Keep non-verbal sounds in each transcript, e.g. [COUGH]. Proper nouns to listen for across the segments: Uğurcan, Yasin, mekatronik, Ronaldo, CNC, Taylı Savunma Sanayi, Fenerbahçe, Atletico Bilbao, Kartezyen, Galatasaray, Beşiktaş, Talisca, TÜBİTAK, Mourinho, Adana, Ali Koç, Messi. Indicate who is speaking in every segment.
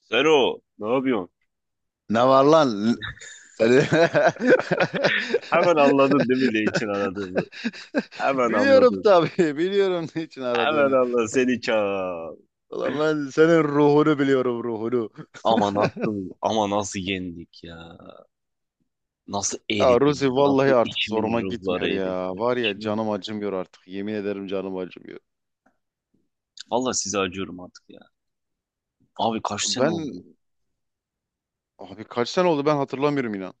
Speaker 1: Sero, ne yapıyorsun?
Speaker 2: Ne var lan? Seni- [LAUGHS]
Speaker 1: [LAUGHS] Hemen anladın değil mi ne için aradığımı? Hemen
Speaker 2: Biliyorum
Speaker 1: anladın.
Speaker 2: tabii. Biliyorum niçin
Speaker 1: Hemen
Speaker 2: aradığını.
Speaker 1: anladın. Seni çağır.
Speaker 2: Ulan ben senin ruhunu biliyorum ruhunu.
Speaker 1: Ama nasıl yendik ya? Nasıl
Speaker 2: Ya Ruzi
Speaker 1: eridin? Nasıl
Speaker 2: vallahi artık zoruma
Speaker 1: içimin
Speaker 2: gitmiyor
Speaker 1: ruhları eridi?
Speaker 2: ya.
Speaker 1: Böyle
Speaker 2: Var ya
Speaker 1: İçimin.
Speaker 2: canım acımıyor artık. Yemin ederim canım acımıyor.
Speaker 1: Valla size acıyorum artık ya. Abi kaç sene
Speaker 2: Ben
Speaker 1: oldu?
Speaker 2: abi kaç sene oldu ben hatırlamıyorum inan.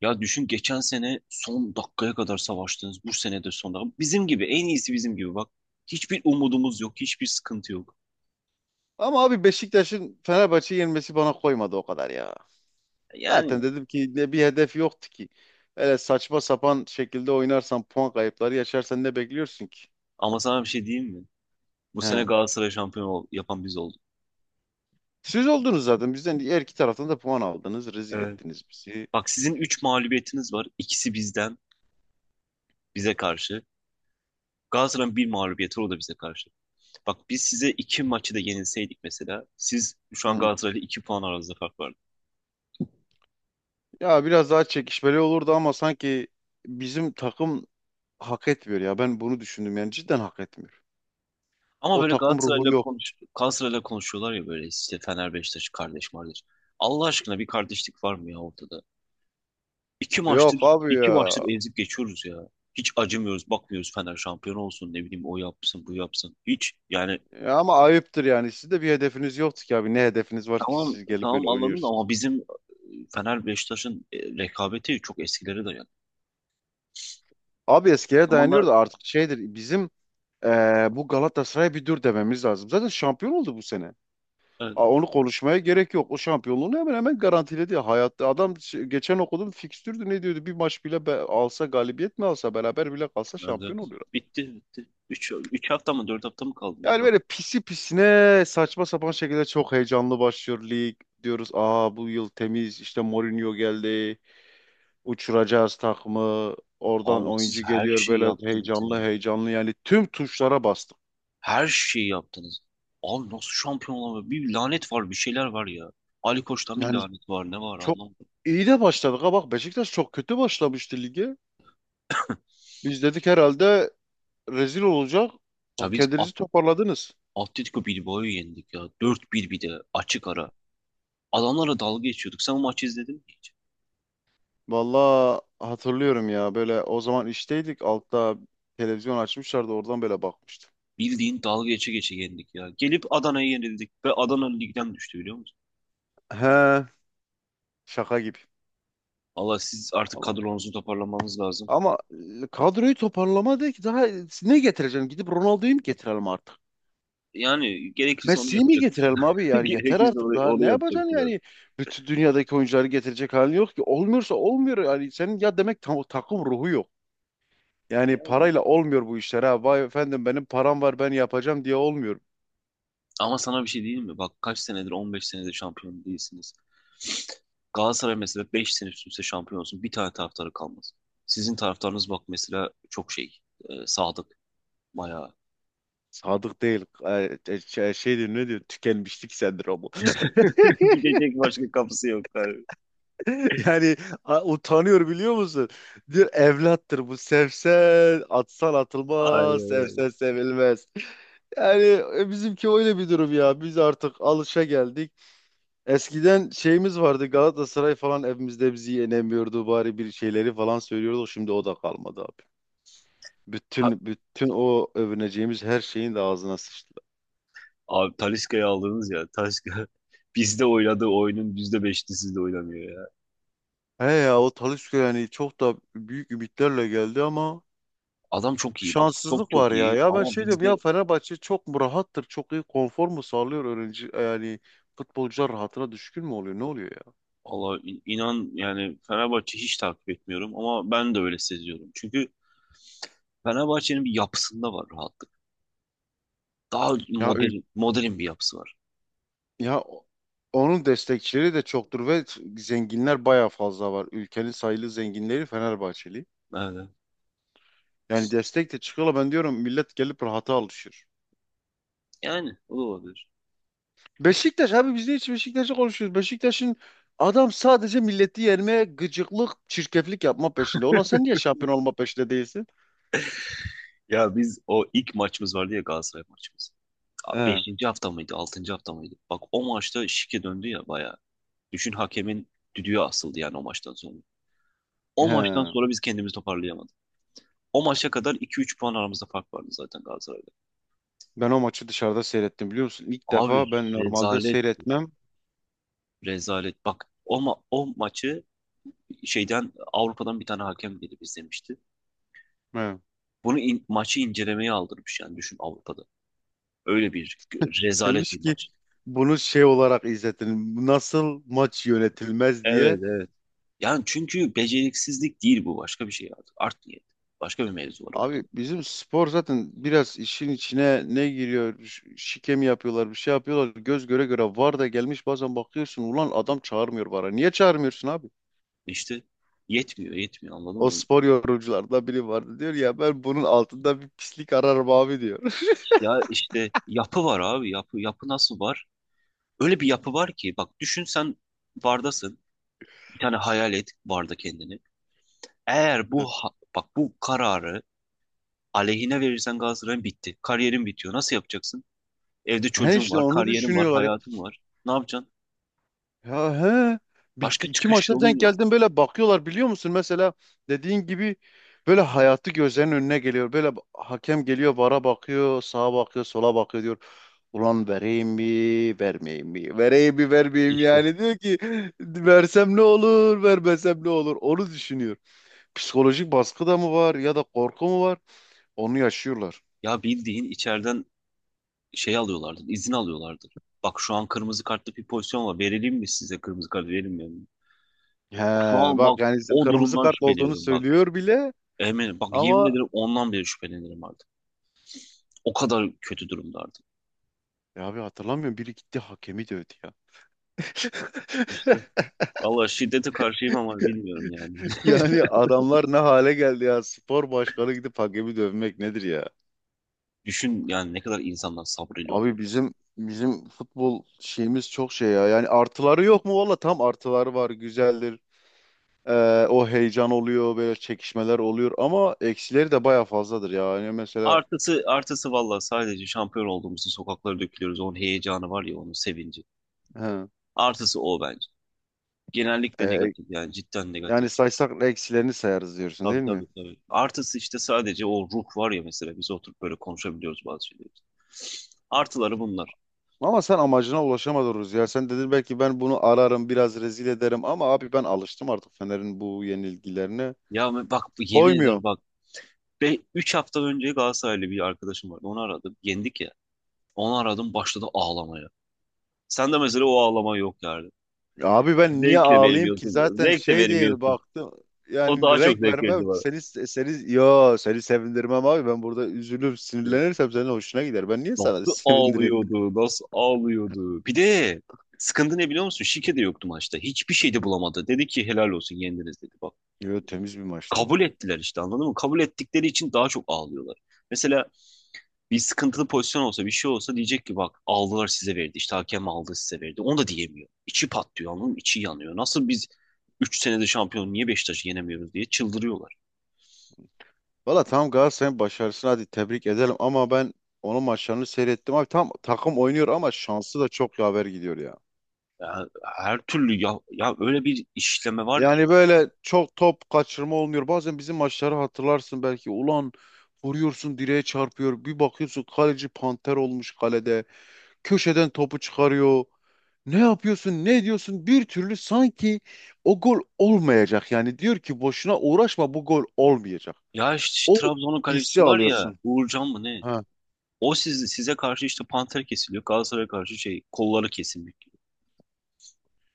Speaker 1: Ya düşün, geçen sene son dakikaya kadar savaştınız. Bu sene de son dakika. Bizim gibi, en iyisi bizim gibi bak. Hiçbir umudumuz yok, hiçbir sıkıntı yok.
Speaker 2: Ama abi Beşiktaş'ın Fenerbahçe'yi yenmesi bana koymadı o kadar ya. Zaten
Speaker 1: Yani
Speaker 2: dedim ki ne bir hedef yoktu ki. Öyle saçma sapan şekilde oynarsan puan kayıpları yaşarsan ne bekliyorsun ki?
Speaker 1: ama sana bir şey diyeyim mi? Bu sene
Speaker 2: He.
Speaker 1: Galatasaray yapan biz olduk.
Speaker 2: Siz oldunuz zaten bizden her iki taraftan da puan aldınız. Rezil
Speaker 1: Evet.
Speaker 2: ettiniz bizi.
Speaker 1: Bak, sizin 3 mağlubiyetiniz var. İkisi bizden, bize karşı. Galatasaray'ın bir mağlubiyeti, o da bize karşı. Bak, biz size iki maçı da yenilseydik mesela, siz şu an
Speaker 2: Hı.
Speaker 1: Galatasaray'la 2 puan aranızda fark vardı.
Speaker 2: Ya biraz daha çekişmeli olurdu ama sanki bizim takım hak etmiyor ya. Ben bunu düşündüm yani cidden hak etmiyor.
Speaker 1: Ama
Speaker 2: O
Speaker 1: böyle
Speaker 2: takım ruhu yok.
Speaker 1: Galatasaray'la konuşuyorlar ya, böyle işte, Fener Beşiktaş kardeş kardeş. Allah aşkına bir kardeşlik var mı ya ortada? İki
Speaker 2: Yok
Speaker 1: maçtır
Speaker 2: abi
Speaker 1: iki
Speaker 2: ya.
Speaker 1: maçtır ezip geçiyoruz ya. Hiç acımıyoruz, bakmıyoruz. Fener şampiyon olsun, ne bileyim, o yapsın, bu yapsın. Hiç yani.
Speaker 2: Ya ama ayıptır yani. Siz de bir hedefiniz yoktu ki abi. Ne hedefiniz var ki
Speaker 1: Tamam
Speaker 2: siz gelip
Speaker 1: tamam,
Speaker 2: böyle
Speaker 1: anladım da
Speaker 2: oynuyorsunuz.
Speaker 1: ama bizim Fener Beşiktaş'ın rekabeti çok eskilere dayanıyor.
Speaker 2: Abi
Speaker 1: O
Speaker 2: eskiye
Speaker 1: zamanlar
Speaker 2: dayanıyor da artık şeydir bizim. Bu Galatasaray'a bir dur dememiz lazım. Zaten şampiyon oldu bu sene.
Speaker 1: evet,
Speaker 2: Onu konuşmaya gerek yok. O şampiyonluğunu hemen hemen garantiledi. Hayatta adam geçen okudum fikstürdü ne diyordu? Bir maç bile alsa galibiyet mi alsa beraber bile kalsa
Speaker 1: evet,
Speaker 2: şampiyon
Speaker 1: evet.
Speaker 2: oluyor.
Speaker 1: Bitti bitti. Üç hafta mı, 4 hafta mı kaldı, ne
Speaker 2: Yani
Speaker 1: kaldı?
Speaker 2: böyle pisi pisine saçma sapan şekilde çok heyecanlı başlıyor lig. Diyoruz aa bu yıl temiz işte Mourinho geldi. Uçuracağız takımı. Oradan
Speaker 1: Abi siz
Speaker 2: oyuncu
Speaker 1: her
Speaker 2: geliyor
Speaker 1: şeyi
Speaker 2: böyle
Speaker 1: yaptınız ya.
Speaker 2: heyecanlı heyecanlı yani tüm tuşlara bastık.
Speaker 1: Her şeyi yaptınız. Abi nasıl şampiyon olamıyor? Bir lanet var, bir şeyler var ya. Ali Koç'tan bir
Speaker 2: Yani
Speaker 1: lanet var, ne var,
Speaker 2: çok
Speaker 1: anlamadım.
Speaker 2: iyi de başladık ha bak Beşiktaş çok kötü başlamıştı lige. Biz dedik herhalde rezil olacak.
Speaker 1: Ya
Speaker 2: Bak
Speaker 1: biz A-
Speaker 2: kendinizi toparladınız.
Speaker 1: Atletico Bilbao'yu yendik ya. Dört 1 bir de açık ara. Adamlara dalga geçiyorduk. Sen o maçı izledin mi hiç?
Speaker 2: Vallahi hatırlıyorum ya böyle o zaman işteydik altta televizyon açmışlardı oradan böyle bakmıştım.
Speaker 1: Bildiğin dalga geçe geçe yendik ya. Gelip Adana'ya yenildik ve Adana ligden düştü, biliyor musun?
Speaker 2: He. Şaka gibi.
Speaker 1: Allah, siz artık
Speaker 2: Ama,
Speaker 1: kadronuzu toparlamanız lazım.
Speaker 2: ama Kadroyu toparlama değil ki daha ne getireceksin? Gidip Ronaldo'yu mu getirelim artık?
Speaker 1: Yani gerekirse onu
Speaker 2: Messi'yi mi
Speaker 1: yapacaktık.
Speaker 2: getirelim abi?
Speaker 1: [LAUGHS]
Speaker 2: Yani yeter
Speaker 1: Gerekirse
Speaker 2: artık
Speaker 1: onu,
Speaker 2: daha ne
Speaker 1: onu
Speaker 2: yapacaksın
Speaker 1: yapacaktılar.
Speaker 2: yani? Bütün dünyadaki oyuncuları getirecek halin yok ki. Olmuyorsa olmuyor yani senin ya demek tam, takım ruhu yok. Yani
Speaker 1: Ya.
Speaker 2: parayla olmuyor bu işler ha. Vay efendim benim param var ben yapacağım diye olmuyor.
Speaker 1: Ama sana bir şey diyeyim mi? Bak, kaç senedir, 15 senedir şampiyon değilsiniz. Galatasaray mesela 5 sene üst üste şampiyon olsun, bir tane taraftarı kalmaz. Sizin taraftarınız bak mesela çok şey. Sadık. Bayağı.
Speaker 2: Sadık değil. Şey diyor ne diyor? Tükenmişlik sendromu.
Speaker 1: [LAUGHS] Gidecek başka kapısı yok, abi.
Speaker 2: [LAUGHS] Yani utanıyor biliyor musun? Diyor evlattır bu. Sevsen atsan atılmaz.
Speaker 1: Aynen öyle.
Speaker 2: Sevsen sevilmez. Yani bizimki öyle bir durum ya. Biz artık alışa geldik. Eskiden şeyimiz vardı. Galatasaray falan evimizde bizi yenemiyordu. Bari bir şeyleri falan söylüyorduk. Şimdi o da kalmadı abi. Bütün o övüneceğimiz her şeyin de ağzına sıçtı.
Speaker 1: Abi Talisca'yı aldınız ya. Talisca [LAUGHS] bizde oynadığı oyunun %5'ini sizde oynamıyor ya.
Speaker 2: He ya o Talisca yani çok da büyük ümitlerle geldi ama
Speaker 1: Adam çok iyi bak. Çok
Speaker 2: şanssızlık
Speaker 1: çok
Speaker 2: var ya.
Speaker 1: iyi,
Speaker 2: Ya ben
Speaker 1: ama
Speaker 2: şey diyorum ya
Speaker 1: bizde.
Speaker 2: Fenerbahçe çok mu rahattır? Çok iyi konfor mu sağlıyor öğrenci yani futbolcular rahatına düşkün mü oluyor? Ne oluyor ya?
Speaker 1: Allah, inan yani, Fenerbahçe hiç takip etmiyorum ama ben de öyle seziyorum. Çünkü Fenerbahçe'nin bir yapısında var rahatlık. Daha
Speaker 2: Ya ül-
Speaker 1: modern, modern bir yapısı var.
Speaker 2: ya o- Onun destekçileri de çoktur ve zenginler bayağı fazla var. Ülkenin sayılı zenginleri Fenerbahçeli.
Speaker 1: Evet.
Speaker 2: Yani destek de çıkıyorlar. Ben diyorum millet gelip rahata alışır.
Speaker 1: Yani o da olabilir.
Speaker 2: Beşiktaş abi biz de hiç Beşiktaş'ı konuşuyoruz. Beşiktaş'ın adam sadece milleti yermeye gıcıklık, çirkeflik yapma peşinde. Ulan sen niye şampiyon olma peşinde değilsin?
Speaker 1: Ya, biz o ilk maçımız vardı ya, Galatasaray maçımız. Abi
Speaker 2: He,
Speaker 1: beşinci hafta mıydı, altıncı hafta mıydı? Bak, o maçta şike döndü ya bayağı. Düşün, hakemin düdüğü asıldı yani o maçtan sonra. O maçtan
Speaker 2: he.
Speaker 1: sonra biz kendimizi toparlayamadık. O maça kadar 2-3 puan aramızda fark vardı zaten Galatasaray'da.
Speaker 2: Ben o maçı dışarıda seyrettim biliyor musun? İlk
Speaker 1: Abi
Speaker 2: defa ben normalde
Speaker 1: rezalet,
Speaker 2: seyretmem.
Speaker 1: rezalet. Bak o maçı, şeyden, Avrupa'dan bir tane hakem gelip izlemişti.
Speaker 2: He.
Speaker 1: Bunu maçı incelemeye aldırmış, yani düşün, Avrupa'da. Öyle bir rezalet
Speaker 2: Demiş
Speaker 1: bir
Speaker 2: ki
Speaker 1: maç.
Speaker 2: bunu şey olarak izletin. Nasıl maç yönetilmez diye.
Speaker 1: Evet evet. Yani çünkü beceriksizlik değil bu, başka bir şey artık. Art niyet. Başka bir mevzu var
Speaker 2: Abi
Speaker 1: ortada.
Speaker 2: bizim spor zaten biraz işin içine ne giriyor, şike mi yapıyorlar, bir şey yapıyorlar. Göz göre göre var da gelmiş bazen bakıyorsun ulan adam çağırmıyor vara. Niye çağırmıyorsun abi?
Speaker 1: İşte yetmiyor yetmiyor, anladın
Speaker 2: O
Speaker 1: mı?
Speaker 2: spor yorumculardan biri vardı diyor ya ben bunun altında bir pislik ararım abi diyor.
Speaker 1: Ya işte yapı var abi, yapı yapı nasıl var? Öyle bir yapı var ki, bak düşün sen, bardasın. Bir tane hayal et barda kendini. Eğer bu
Speaker 2: [LAUGHS]
Speaker 1: bak, bu kararı aleyhine verirsen Galatasaray'ın, bitti. Kariyerin bitiyor. Nasıl yapacaksın? Evde
Speaker 2: He
Speaker 1: çocuğun
Speaker 2: işte
Speaker 1: var,
Speaker 2: onu
Speaker 1: kariyerin var,
Speaker 2: düşünüyorlar ya.
Speaker 1: hayatın var. Ne yapacaksın?
Speaker 2: Ya he bir,
Speaker 1: Başka
Speaker 2: iki
Speaker 1: çıkış
Speaker 2: maçta
Speaker 1: yolun
Speaker 2: denk
Speaker 1: yok.
Speaker 2: geldim böyle bakıyorlar biliyor musun? Mesela dediğin gibi böyle hayatı gözlerinin önüne geliyor. Böyle hakem geliyor vara bakıyor, sağa bakıyor, sola bakıyor diyor. Ulan vereyim mi, vermeyeyim mi? Vereyim mi, vermeyeyim mi?
Speaker 1: İşte
Speaker 2: Yani diyor ki versem ne olur, vermesem ne olur? Onu düşünüyor. Psikolojik baskı da mı var ya da korku mu var? Onu yaşıyorlar.
Speaker 1: ya, bildiğin içeriden şey alıyorlardı, izin alıyorlardı. Bak, şu an kırmızı kartlı bir pozisyon var. Verelim mi? Size kırmızı kart verilmiyor mu?
Speaker 2: He,
Speaker 1: Şu an
Speaker 2: bak
Speaker 1: bak,
Speaker 2: yani işte
Speaker 1: o
Speaker 2: kırmızı
Speaker 1: durumdan
Speaker 2: kart olduğunu
Speaker 1: şüpheleniyorum bak.
Speaker 2: söylüyor bile
Speaker 1: Eminim bak, yemin
Speaker 2: ama
Speaker 1: ederim, ondan beri şüphelenirim artık. O kadar kötü durumda artık.
Speaker 2: ya abi hatırlamıyorum biri gitti hakemi dövdü ya.
Speaker 1: İşte,
Speaker 2: [LAUGHS]
Speaker 1: valla şiddete karşıyım ama bilmiyorum yani. [LAUGHS]
Speaker 2: Yani adamlar ne hale geldi ya. Spor başkanı gidip hakemi dövmek nedir ya?
Speaker 1: Düşün yani, ne kadar insanlar sabrıyla
Speaker 2: Abi
Speaker 1: oynuyorlar.
Speaker 2: bizim bizim futbol şeyimiz çok şey ya. Yani artıları yok mu? Valla tam artıları var. Güzeldir. O heyecan oluyor. Böyle çekişmeler oluyor. Ama eksileri de baya fazladır ya. Yani mesela
Speaker 1: Artısı artısı valla, sadece şampiyon olduğumuzu sokaklara dökülüyoruz. Onun heyecanı var ya, onun sevinci.
Speaker 2: he,
Speaker 1: Artısı o bence. Genellikle
Speaker 2: e,
Speaker 1: negatif, yani cidden
Speaker 2: yani
Speaker 1: negatif.
Speaker 2: saysak eksilerini sayarız diyorsun
Speaker 1: Tabii
Speaker 2: değil mi?
Speaker 1: tabii tabii. Artısı işte sadece o ruh var ya, mesela biz oturup böyle konuşabiliyoruz bazı şeyleri. Artıları bunlar.
Speaker 2: Ama sen amacına ulaşamadınız ya. Sen dedin belki ben bunu ararım biraz rezil ederim. Ama abi ben alıştım artık Fener'in bu yenilgilerine.
Speaker 1: Bak, yemin ederim
Speaker 2: Koymuyor.
Speaker 1: bak, 3 hafta önce Galatasaraylı bir arkadaşım vardı. Onu aradım. Yendik ya. Onu aradım, başladı ağlamaya. Sen de mesela o ağlama yok yani.
Speaker 2: Ya abi ben niye
Speaker 1: Zevk de
Speaker 2: ağlayayım ki
Speaker 1: vermiyorsun böyle.
Speaker 2: zaten
Speaker 1: Zevk de
Speaker 2: şey değil
Speaker 1: vermiyorsun.
Speaker 2: baktım
Speaker 1: O
Speaker 2: yani
Speaker 1: daha çok
Speaker 2: renk
Speaker 1: zevk verdi
Speaker 2: vermem
Speaker 1: bana.
Speaker 2: seni sevindirmem abi ben burada üzülür sinirlenirsem senin hoşuna gider ben niye sana [LAUGHS]
Speaker 1: Nasıl
Speaker 2: sevindireyim?
Speaker 1: ağlıyordu, nasıl ağlıyordu. Bir de sıkıntı ne biliyor musun? Şike de yoktu maçta. Hiçbir şey de bulamadı. Dedi ki, helal olsun, yendiniz, dedi. Bak,
Speaker 2: Yo temiz bir maçtı o.
Speaker 1: kabul ettiler işte, anladın mı? Kabul ettikleri için daha çok ağlıyorlar. Mesela bir sıkıntılı pozisyon olsa, bir şey olsa, diyecek ki bak, aldılar size verdi. İşte hakem aldı size verdi. Onu da diyemiyor. İçi patlıyor, anladın mı? İçi yanıyor. Nasıl biz 3 senede şampiyon, niye Beşiktaş'ı yenemiyoruz diye çıldırıyorlar.
Speaker 2: Valla tamam Galatasaray'ın başarısını hadi tebrik edelim ama ben onun maçlarını seyrettim abi tam takım oynuyor ama şansı da çok yaver gidiyor ya.
Speaker 1: Ya, her türlü ya, öyle bir işleme var
Speaker 2: Yani
Speaker 1: ki.
Speaker 2: böyle çok top kaçırma olmuyor bazen bizim maçları hatırlarsın belki ulan vuruyorsun direğe çarpıyor bir bakıyorsun kaleci panter olmuş kalede. Köşeden topu çıkarıyor. Ne yapıyorsun, ne ediyorsun? Bir türlü sanki o gol olmayacak. Yani diyor ki boşuna uğraşma bu gol olmayacak.
Speaker 1: Ya işte
Speaker 2: O
Speaker 1: Trabzon'un
Speaker 2: hissi
Speaker 1: kalecisi var ya,
Speaker 2: alıyorsun.
Speaker 1: Uğurcan mı ne?
Speaker 2: Ha.
Speaker 1: O size karşı işte panter kesiliyor. Galatasaray'a karşı şey, kolları kesilmek gibi.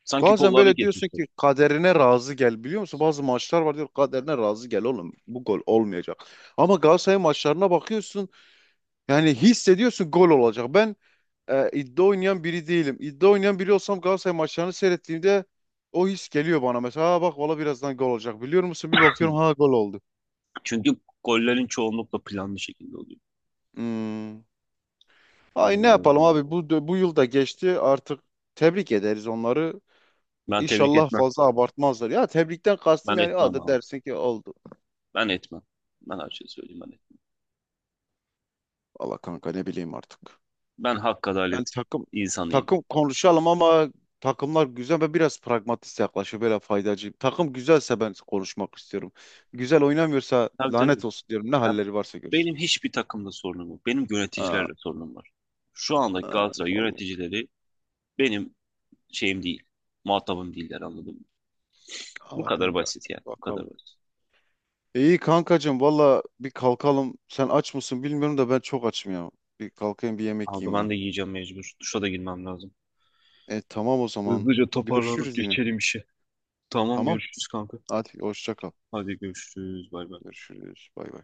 Speaker 1: Sanki
Speaker 2: Bazen
Speaker 1: kollarını
Speaker 2: böyle diyorsun
Speaker 1: kesmişler.
Speaker 2: ki kaderine razı gel biliyor musun? Bazı maçlar var diyor kaderine razı gel oğlum bu gol olmayacak. Ama Galatasaray maçlarına bakıyorsun yani hissediyorsun gol olacak. Ben iddia oynayan biri değilim. İddia oynayan biri olsam Galatasaray maçlarını seyrettiğimde o his geliyor bana. Mesela "Ha bak valla birazdan gol olacak biliyor musun? Bir bakıyorum ha gol oldu."
Speaker 1: Çünkü gollerin çoğunlukla planlı şekilde oluyor.
Speaker 2: Hmm. Ay ne
Speaker 1: Vallahi
Speaker 2: yapalım
Speaker 1: öyle abi.
Speaker 2: abi bu yıl da geçti artık tebrik ederiz onları.
Speaker 1: Ben tebrik
Speaker 2: İnşallah
Speaker 1: etmem.
Speaker 2: fazla abartmazlar. Ya tebrikten kastım
Speaker 1: Ben
Speaker 2: yani
Speaker 1: etmem
Speaker 2: adı
Speaker 1: abi.
Speaker 2: dersin ki oldu.
Speaker 1: Ben etmem. Ben her şeyi söyleyeyim, ben etmem.
Speaker 2: Valla kanka ne bileyim artık.
Speaker 1: Ben hak
Speaker 2: Ben
Speaker 1: adalet
Speaker 2: takım
Speaker 1: insanıyım.
Speaker 2: takım konuşalım ama takımlar güzel ve biraz pragmatist yaklaşıyor böyle faydacı. Takım güzelse ben konuşmak istiyorum. Güzel oynamıyorsa
Speaker 1: Tabii tabii.
Speaker 2: lanet olsun diyorum. Ne
Speaker 1: Ya,
Speaker 2: halleri varsa görsün.
Speaker 1: benim hiçbir takımda sorunum yok. Benim yöneticilerle
Speaker 2: Ha,
Speaker 1: sorunum var. Şu andaki
Speaker 2: ha,
Speaker 1: Galatasaray
Speaker 2: vallahi.
Speaker 1: yöneticileri benim şeyim değil. Muhatabım değiller, anladın mı? Bu
Speaker 2: Allah
Speaker 1: kadar
Speaker 2: kanka.
Speaker 1: basit yani. Bu kadar
Speaker 2: Bakalım.
Speaker 1: basit.
Speaker 2: İyi kankacığım valla bir kalkalım. Sen aç mısın bilmiyorum da ben çok açım ya. Bir kalkayım bir yemek
Speaker 1: Abi
Speaker 2: yiyeyim
Speaker 1: ben
Speaker 2: ben.
Speaker 1: de yiyeceğim mecbur. Duşa da girmem lazım.
Speaker 2: E tamam o zaman.
Speaker 1: Hızlıca toparlanıp
Speaker 2: Görüşürüz yine.
Speaker 1: geçelim işe. Tamam,
Speaker 2: Tamam.
Speaker 1: görüşürüz kanka.
Speaker 2: Hadi hoşça kal.
Speaker 1: Hadi görüşürüz. Bay bay.
Speaker 2: Görüşürüz. Bay bay.